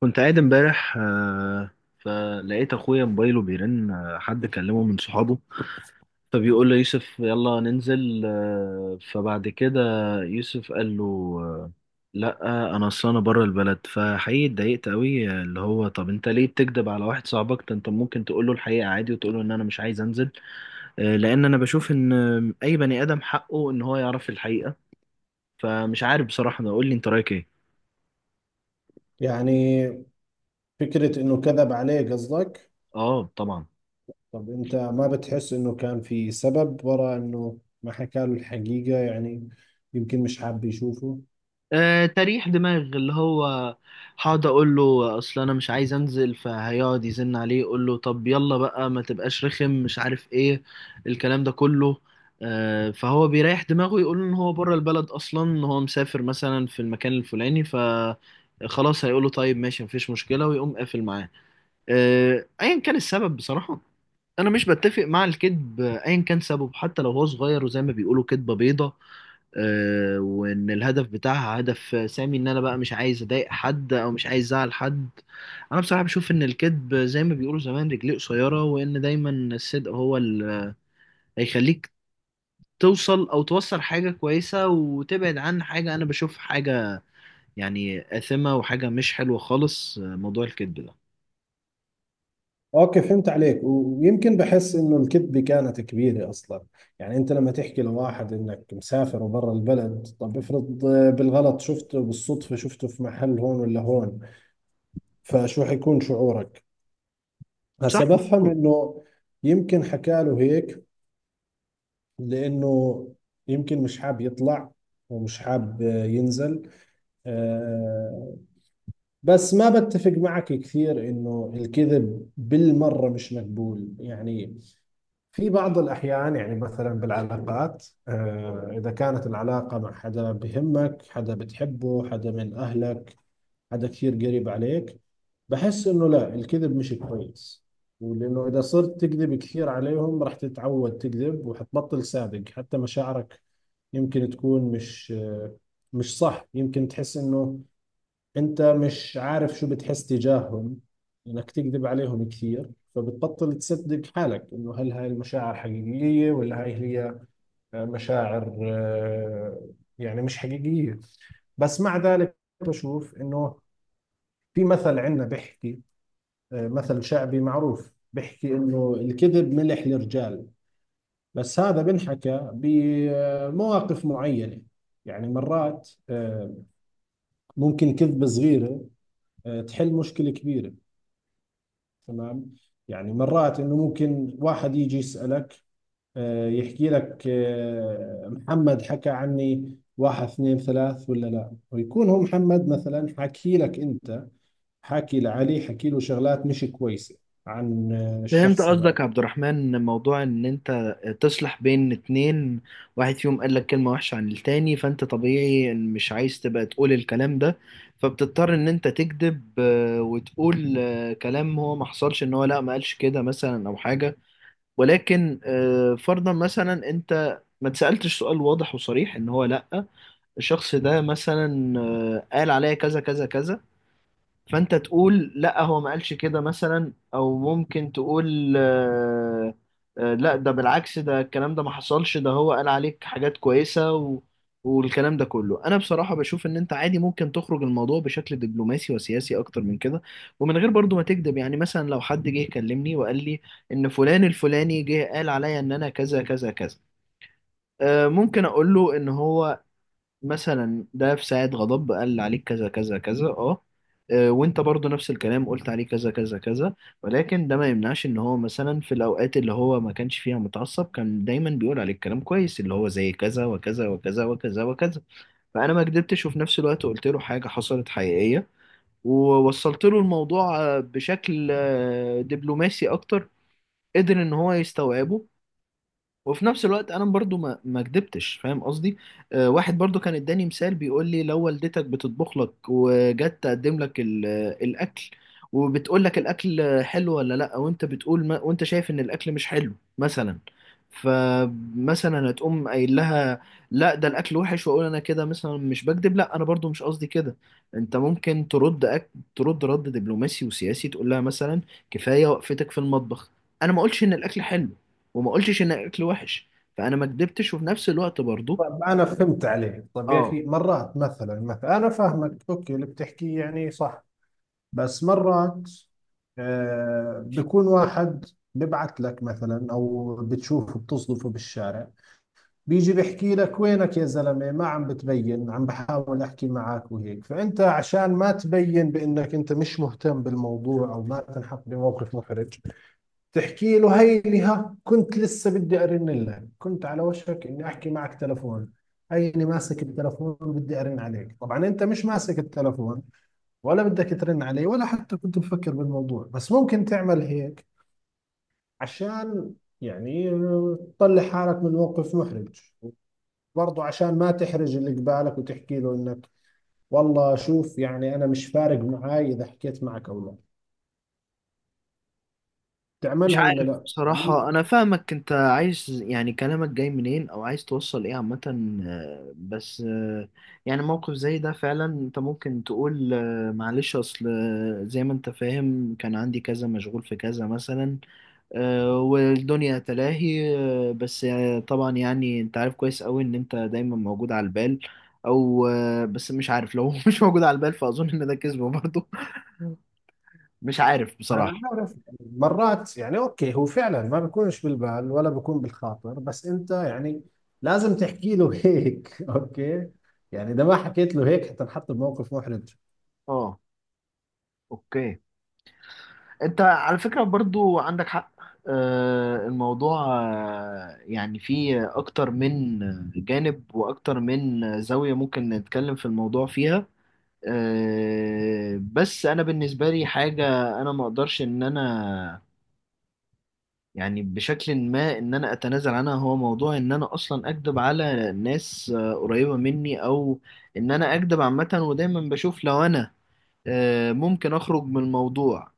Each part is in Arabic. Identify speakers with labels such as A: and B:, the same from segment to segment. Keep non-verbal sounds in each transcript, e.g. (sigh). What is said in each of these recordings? A: كنت قاعد امبارح فلقيت اخويا موبايله بيرن حد كلمه من صحابه فبيقول له يوسف يلا ننزل فبعد كده يوسف قال له آه،، لا انا اصل انا بره البلد. فحقيقي اتضايقت قوي آه،، اللي هو طب انت ليه بتكذب على واحد صاحبك ده؟ انت ممكن تقول له الحقيقه عادي وتقول له ان انا مش عايز انزل لان انا بشوف ان اي بني ادم حقه ان هو يعرف الحقيقه. فمش عارف بصراحه، انا اقول لي انت رايك ايه؟
B: يعني فكرة إنه كذب عليه قصدك؟
A: اه، طبعا.
B: طب أنت ما بتحس إنه كان في سبب وراء إنه ما حكى له الحقيقة؟ يعني يمكن مش حاب يشوفه.
A: آه، تريح دماغ اللي هو هقعد اقول له اصل انا مش عايز انزل، فهيقعد يزن عليه يقول له طب يلا بقى، ما تبقاش رخم، مش عارف ايه، الكلام ده كله. فهو بيريح دماغه يقول ان هو بره البلد اصلا، ان هو مسافر مثلا في المكان الفلاني. خلاص هيقول له طيب ماشي، مفيش مشكلة ويقوم قافل معاه. ايا كان السبب بصراحة، انا مش بتفق مع الكذب ايا كان سببه، حتى لو هو صغير وزي ما بيقولوا كذبة بيضة وان الهدف بتاعها هدف سامي، ان انا بقى مش عايز اضايق حد او مش عايز ازعل حد. انا بصراحه بشوف ان الكذب زي ما بيقولوا زمان رجليه قصيره، وان دايما الصدق هو اللي هيخليك توصل او توصل حاجه كويسه وتبعد عن حاجه انا بشوف حاجه يعني آثمه وحاجه مش حلوه خالص موضوع الكذب ده.
B: أوكي، فهمت عليك، ويمكن بحس إنه الكذبة كانت كبيرة أصلا. يعني أنت لما تحكي لواحد إنك مسافر وبرا البلد، طب افرض بالغلط شفته، بالصدفة شفته في محل هون ولا هون، فشو حيكون شعورك؟
A: صح،
B: هسا بفهم
A: مظبوط.
B: إنه يمكن حكى له هيك لأنه يمكن مش حاب يطلع ومش حاب ينزل. آه، بس ما بتفق معك كثير إنه الكذب بالمرة مش مقبول، يعني في بعض الأحيان، يعني مثلا بالعلاقات، إذا كانت العلاقة مع حدا بهمك، حدا بتحبه، حدا من أهلك، حدا كثير قريب عليك، بحس إنه لا، الكذب مش كويس. ولأنه إذا صرت تكذب كثير عليهم راح تتعود تكذب وحتبطل صادق، حتى مشاعرك يمكن تكون مش صح، يمكن تحس انه انت مش عارف شو بتحس تجاههم، انك تكذب عليهم كثير فبتبطل تصدق حالك، انه هل هاي المشاعر حقيقية ولا هاي هي مشاعر، يعني مش حقيقية. بس مع ذلك بشوف انه في مثل عندنا بيحكي، مثل شعبي معروف بيحكي انه الكذب ملح للرجال، بس هذا بنحكى بمواقف معينة. يعني مرات ممكن كذبة صغيرة تحل مشكلة كبيرة، تمام. يعني مرات انه ممكن واحد يجي يسألك، يحكي لك، محمد حكى عني واحد اثنين ثلاث ولا لا، ويكون هو محمد مثلا حكي لك انت، حكي لعلي، حكي له شغلات مش كويسة عن
A: فهمت
B: الشخص
A: قصدك
B: هذاك.
A: يا عبد الرحمن، موضوع ان انت تصلح بين اتنين، واحد فيهم قال لك كلمة وحشة عن التاني، فانت طبيعي إن مش عايز تبقى تقول الكلام ده، فبتضطر ان انت تكذب آه،، وتقول كلام هو ما حصلش، ان هو لا، ما قالش كده مثلا او حاجة. ولكن فرضا مثلا انت ما تسألتش سؤال واضح وصريح ان هو لا، الشخص ده مثلا قال عليا كذا كذا كذا، فانت تقول لا، هو ما قالش كده مثلا، او ممكن تقول لا، ده بالعكس، ده الكلام ده ما حصلش، ده هو قال عليك حاجات كويسة و... والكلام ده كله، انا بصراحة بشوف ان انت عادي ممكن تخرج الموضوع بشكل دبلوماسي وسياسي اكتر من كده، ومن غير برضو ما تكذب. يعني مثلا لو حد جه كلمني وقال لي ان فلان الفلاني جه قال عليا ان انا كذا كذا كذا ممكن اقول له ان هو مثلا ده في ساعة غضب قال عليك كذا كذا كذا، اه آه،، وانت برضو نفس الكلام قلت عليه كذا كذا كذا، ولكن ده ما يمنعش ان هو مثلا في الاوقات اللي هو ما كانش فيها متعصب كان دايما بيقول عليك كلام كويس، اللي هو زي كذا وكذا وكذا وكذا وكذا. فانا ما كدبتش، وفي نفس الوقت قلت له حاجة حصلت حقيقية، ووصلت له الموضوع بشكل دبلوماسي اكتر، قدر ان هو يستوعبه، وفي نفس الوقت انا برضو ما كدبتش، فاهم قصدي؟ آه، واحد برضو كان اداني مثال بيقول لي، لو والدتك بتطبخ لك وجت تقدم لك الاكل، وبتقول لك الاكل حلو ولا لا، وانت بتقول ما وانت شايف ان الاكل مش حلو مثلا، فمثلا هتقوم قايل لها لا، ده الاكل وحش، واقول انا كده مثلا مش بكذب. لا، انا برضو مش قصدي كده، انت ممكن ترد ترد رد دبلوماسي وسياسي، تقول لها مثلا كفايه وقفتك في المطبخ، انا ما قلتش ان الاكل حلو وما قلتش ان الاكل وحش، فانا ما كدبتش وفي نفس الوقت برضو.
B: طب انا فهمت عليك. طب يا
A: اه،
B: اخي، مرات مثلا انا فاهمك، اوكي اللي بتحكيه يعني صح، بس مرات بكون واحد ببعت لك مثلا او بتشوفه بتصدفه بالشارع، بيجي بيحكي لك وينك يا زلمة، ما عم بتبين، عم بحاول احكي معك وهيك، فانت عشان ما تبين بانك انت مش مهتم بالموضوع او ما تنحط بموقف محرج، تحكي له هيني، ها كنت لسه بدي ارن لك، كنت على وشك اني احكي معك تلفون، هيني ماسك التلفون وبدي ارن عليك. طبعا انت مش ماسك التلفون ولا بدك ترن علي ولا حتى كنت مفكر بالموضوع، بس ممكن تعمل هيك عشان، يعني، تطلع حالك من موقف محرج، وبرضه عشان ما تحرج اللي قبالك وتحكي له انك، والله شوف يعني انا مش فارق معاي اذا حكيت معك او لا.
A: مش
B: تعملها ولا
A: عارف
B: لا يعني؟
A: بصراحة، أنا فاهمك أنت عايز يعني كلامك جاي منين أو عايز توصل إيه عامة بس يعني موقف زي ده فعلا أنت ممكن تقول معلش أصل آه،، زي ما أنت فاهم كان عندي كذا، مشغول في كذا مثلا والدنيا تلاهي آه،، بس طبعا يعني انت عارف كويس قوي ان انت دايما موجود على البال، او بس مش عارف لو (laughs) هو مش موجود على البال، فاظن ان ده كذب برضه. (laughs) مش عارف
B: انا
A: بصراحة.
B: عارف، مرات يعني اوكي هو فعلا ما بيكونش بالبال ولا بيكون بالخاطر، بس انت يعني لازم تحكي له هيك، (laughs) اوكي، يعني اذا ما حكيت له هيك حتنحط بموقف محرج.
A: اه، اوكي، انت على فكرة برضو عندك حق. الموضوع يعني فيه اكتر من جانب واكتر من زاوية ممكن نتكلم في الموضوع فيها. بس انا بالنسبة لي حاجة انا ما اقدرش ان انا يعني بشكل ما ان انا اتنازل عنها، هو موضوع ان انا اصلا اكدب على ناس قريبة مني، او ان انا اكدب عامة. ودايما بشوف لو انا ممكن أخرج من الموضوع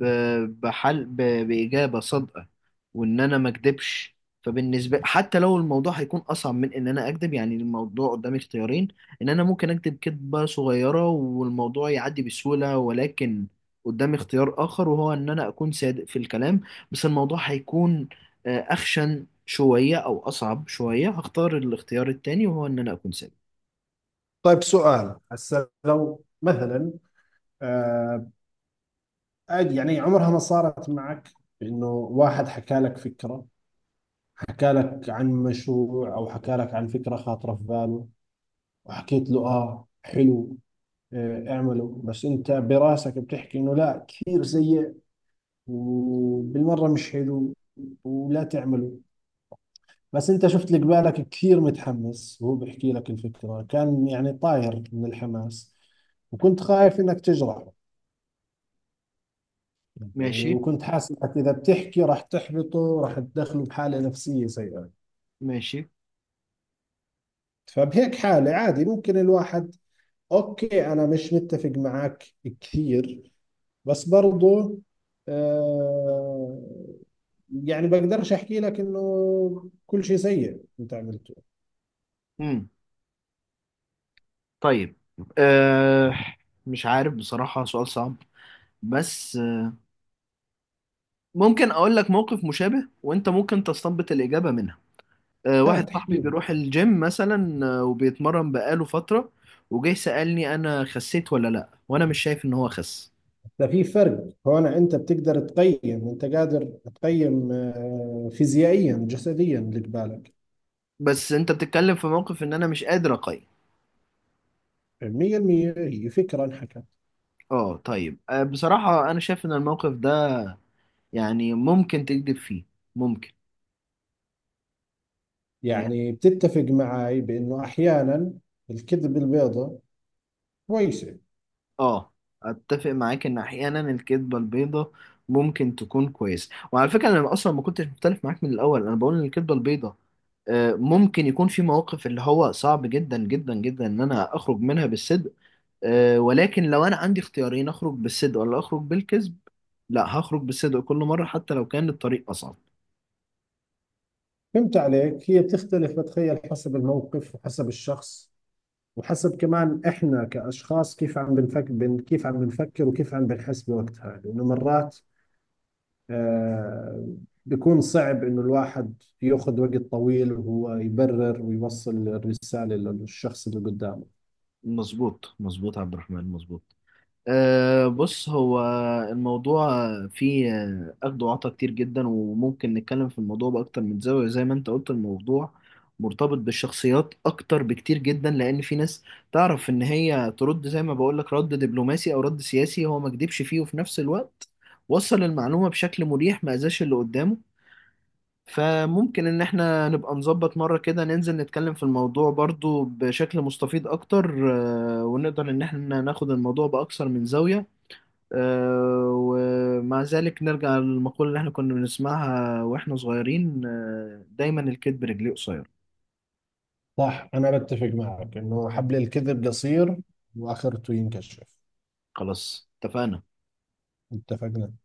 A: بحل بإجابة صادقة، وإن أنا ما أكدبش. فبالنسبة حتى لو الموضوع هيكون أصعب من إن أنا أكدب، يعني الموضوع قدامي اختيارين: إن أنا ممكن أكدب كدبة صغيرة والموضوع يعدي بسهولة، ولكن قدامي اختيار آخر وهو إن أنا أكون صادق في الكلام، بس الموضوع هيكون أخشن شوية أو أصعب شوية، هختار الاختيار التاني وهو إن أنا أكون صادق.
B: طيب سؤال هسه، لو مثلا آه عادي، يعني عمرها ما صارت معك انه واحد حكى لك فكرة، حكى لك عن مشروع او حكى لك عن فكرة خاطرة في باله، وحكيت له اه حلو، اعمله، بس انت براسك بتحكي انه لا، كثير سيء وبالمرة مش حلو، ولا تعمله، بس انت شفت اللي قبالك كثير متحمس وهو بيحكي لك الفكرة كان يعني طاير من الحماس، وكنت خايف انك تجرحه، يعني
A: ماشي،
B: وكنت حاسس انك اذا بتحكي راح تحبطه، راح تدخله بحاله نفسيه سيئه،
A: ماشي.
B: فبهيك حاله عادي ممكن الواحد، اوكي انا مش متفق معك كثير بس برضو، آه يعني بقدرش احكي لك انه كل شيء سيء انت عملته.
A: مم. طيب، أه، مش عارف بصراحة، سؤال صعب، بس ممكن أقول لك موقف مشابه وأنت ممكن تستنبط الإجابة منها. أه،
B: ها،
A: واحد
B: تحكي
A: صاحبي
B: لي.
A: بيروح الجيم مثلا وبيتمرن بقاله فترة، وجاي سألني أنا خسيت ولا لأ، وأنا مش شايف إن هو خس.
B: ده في فرق هون، انت بتقدر تقيم، انت قادر تقيم فيزيائيا جسديا اللي قبالك
A: بس أنت بتتكلم في موقف إن أنا مش قادر أقيم.
B: 100%، هي فكره انحكى.
A: أه، طيب، أه، بصراحة أنا شايف إن الموقف ده يعني ممكن تكذب فيه، ممكن.
B: يعني بتتفق معي بأنه أحيانا الكذب البيضة كويسة؟
A: اه، اتفق معاك ان احيانا الكذبه البيضاء ممكن تكون كويسه. وعلى فكره انا اصلا ما كنتش مختلف معاك من الاول، انا بقول ان الكذبه البيضاء ممكن يكون في مواقف اللي هو صعب جدا جدا جدا ان انا اخرج منها بالصدق ولكن لو انا عندي اختيارين: اخرج بالصدق ولا اخرج بالكذب؟ لا، هخرج بالصدق كل مره حتى لو كان الطريق اصعب.
B: فهمت عليك، هي بتختلف بتخيل حسب الموقف وحسب الشخص وحسب كمان إحنا كأشخاص كيف عم بنفكر، وكيف عم بنحس بوقتها، لأنه مرات آه بيكون صعب إنه الواحد يأخذ وقت طويل وهو يبرر ويوصل الرسالة للشخص اللي قدامه.
A: مظبوط مظبوط يا عبد الرحمن، مظبوط. أه، بص، هو الموضوع فيه أخد وعطا كتير جدا، وممكن نتكلم في الموضوع بأكتر من زاوية زي ما أنت قلت. الموضوع مرتبط بالشخصيات أكتر بكتير جدا، لأن في ناس تعرف إن هي ترد زي ما بقولك رد دبلوماسي أو رد سياسي، هو ما كدبش فيه وفي نفس الوقت وصل المعلومة بشكل مريح، ما أذاش اللي قدامه. فممكن إن إحنا نبقى نظبط مرة كده، ننزل نتكلم في الموضوع برضو بشكل مستفيض أكتر ونقدر إن إحنا ناخد الموضوع بأكثر من زاوية ومع ذلك نرجع للمقولة اللي احنا كنا بنسمعها واحنا صغيرين دايما الكذب رجليه قصير.
B: صح، أنا بتفق معك إنه حبل الكذب قصير، وآخرته ينكشف.
A: خلاص، اتفقنا.
B: اتفقنا.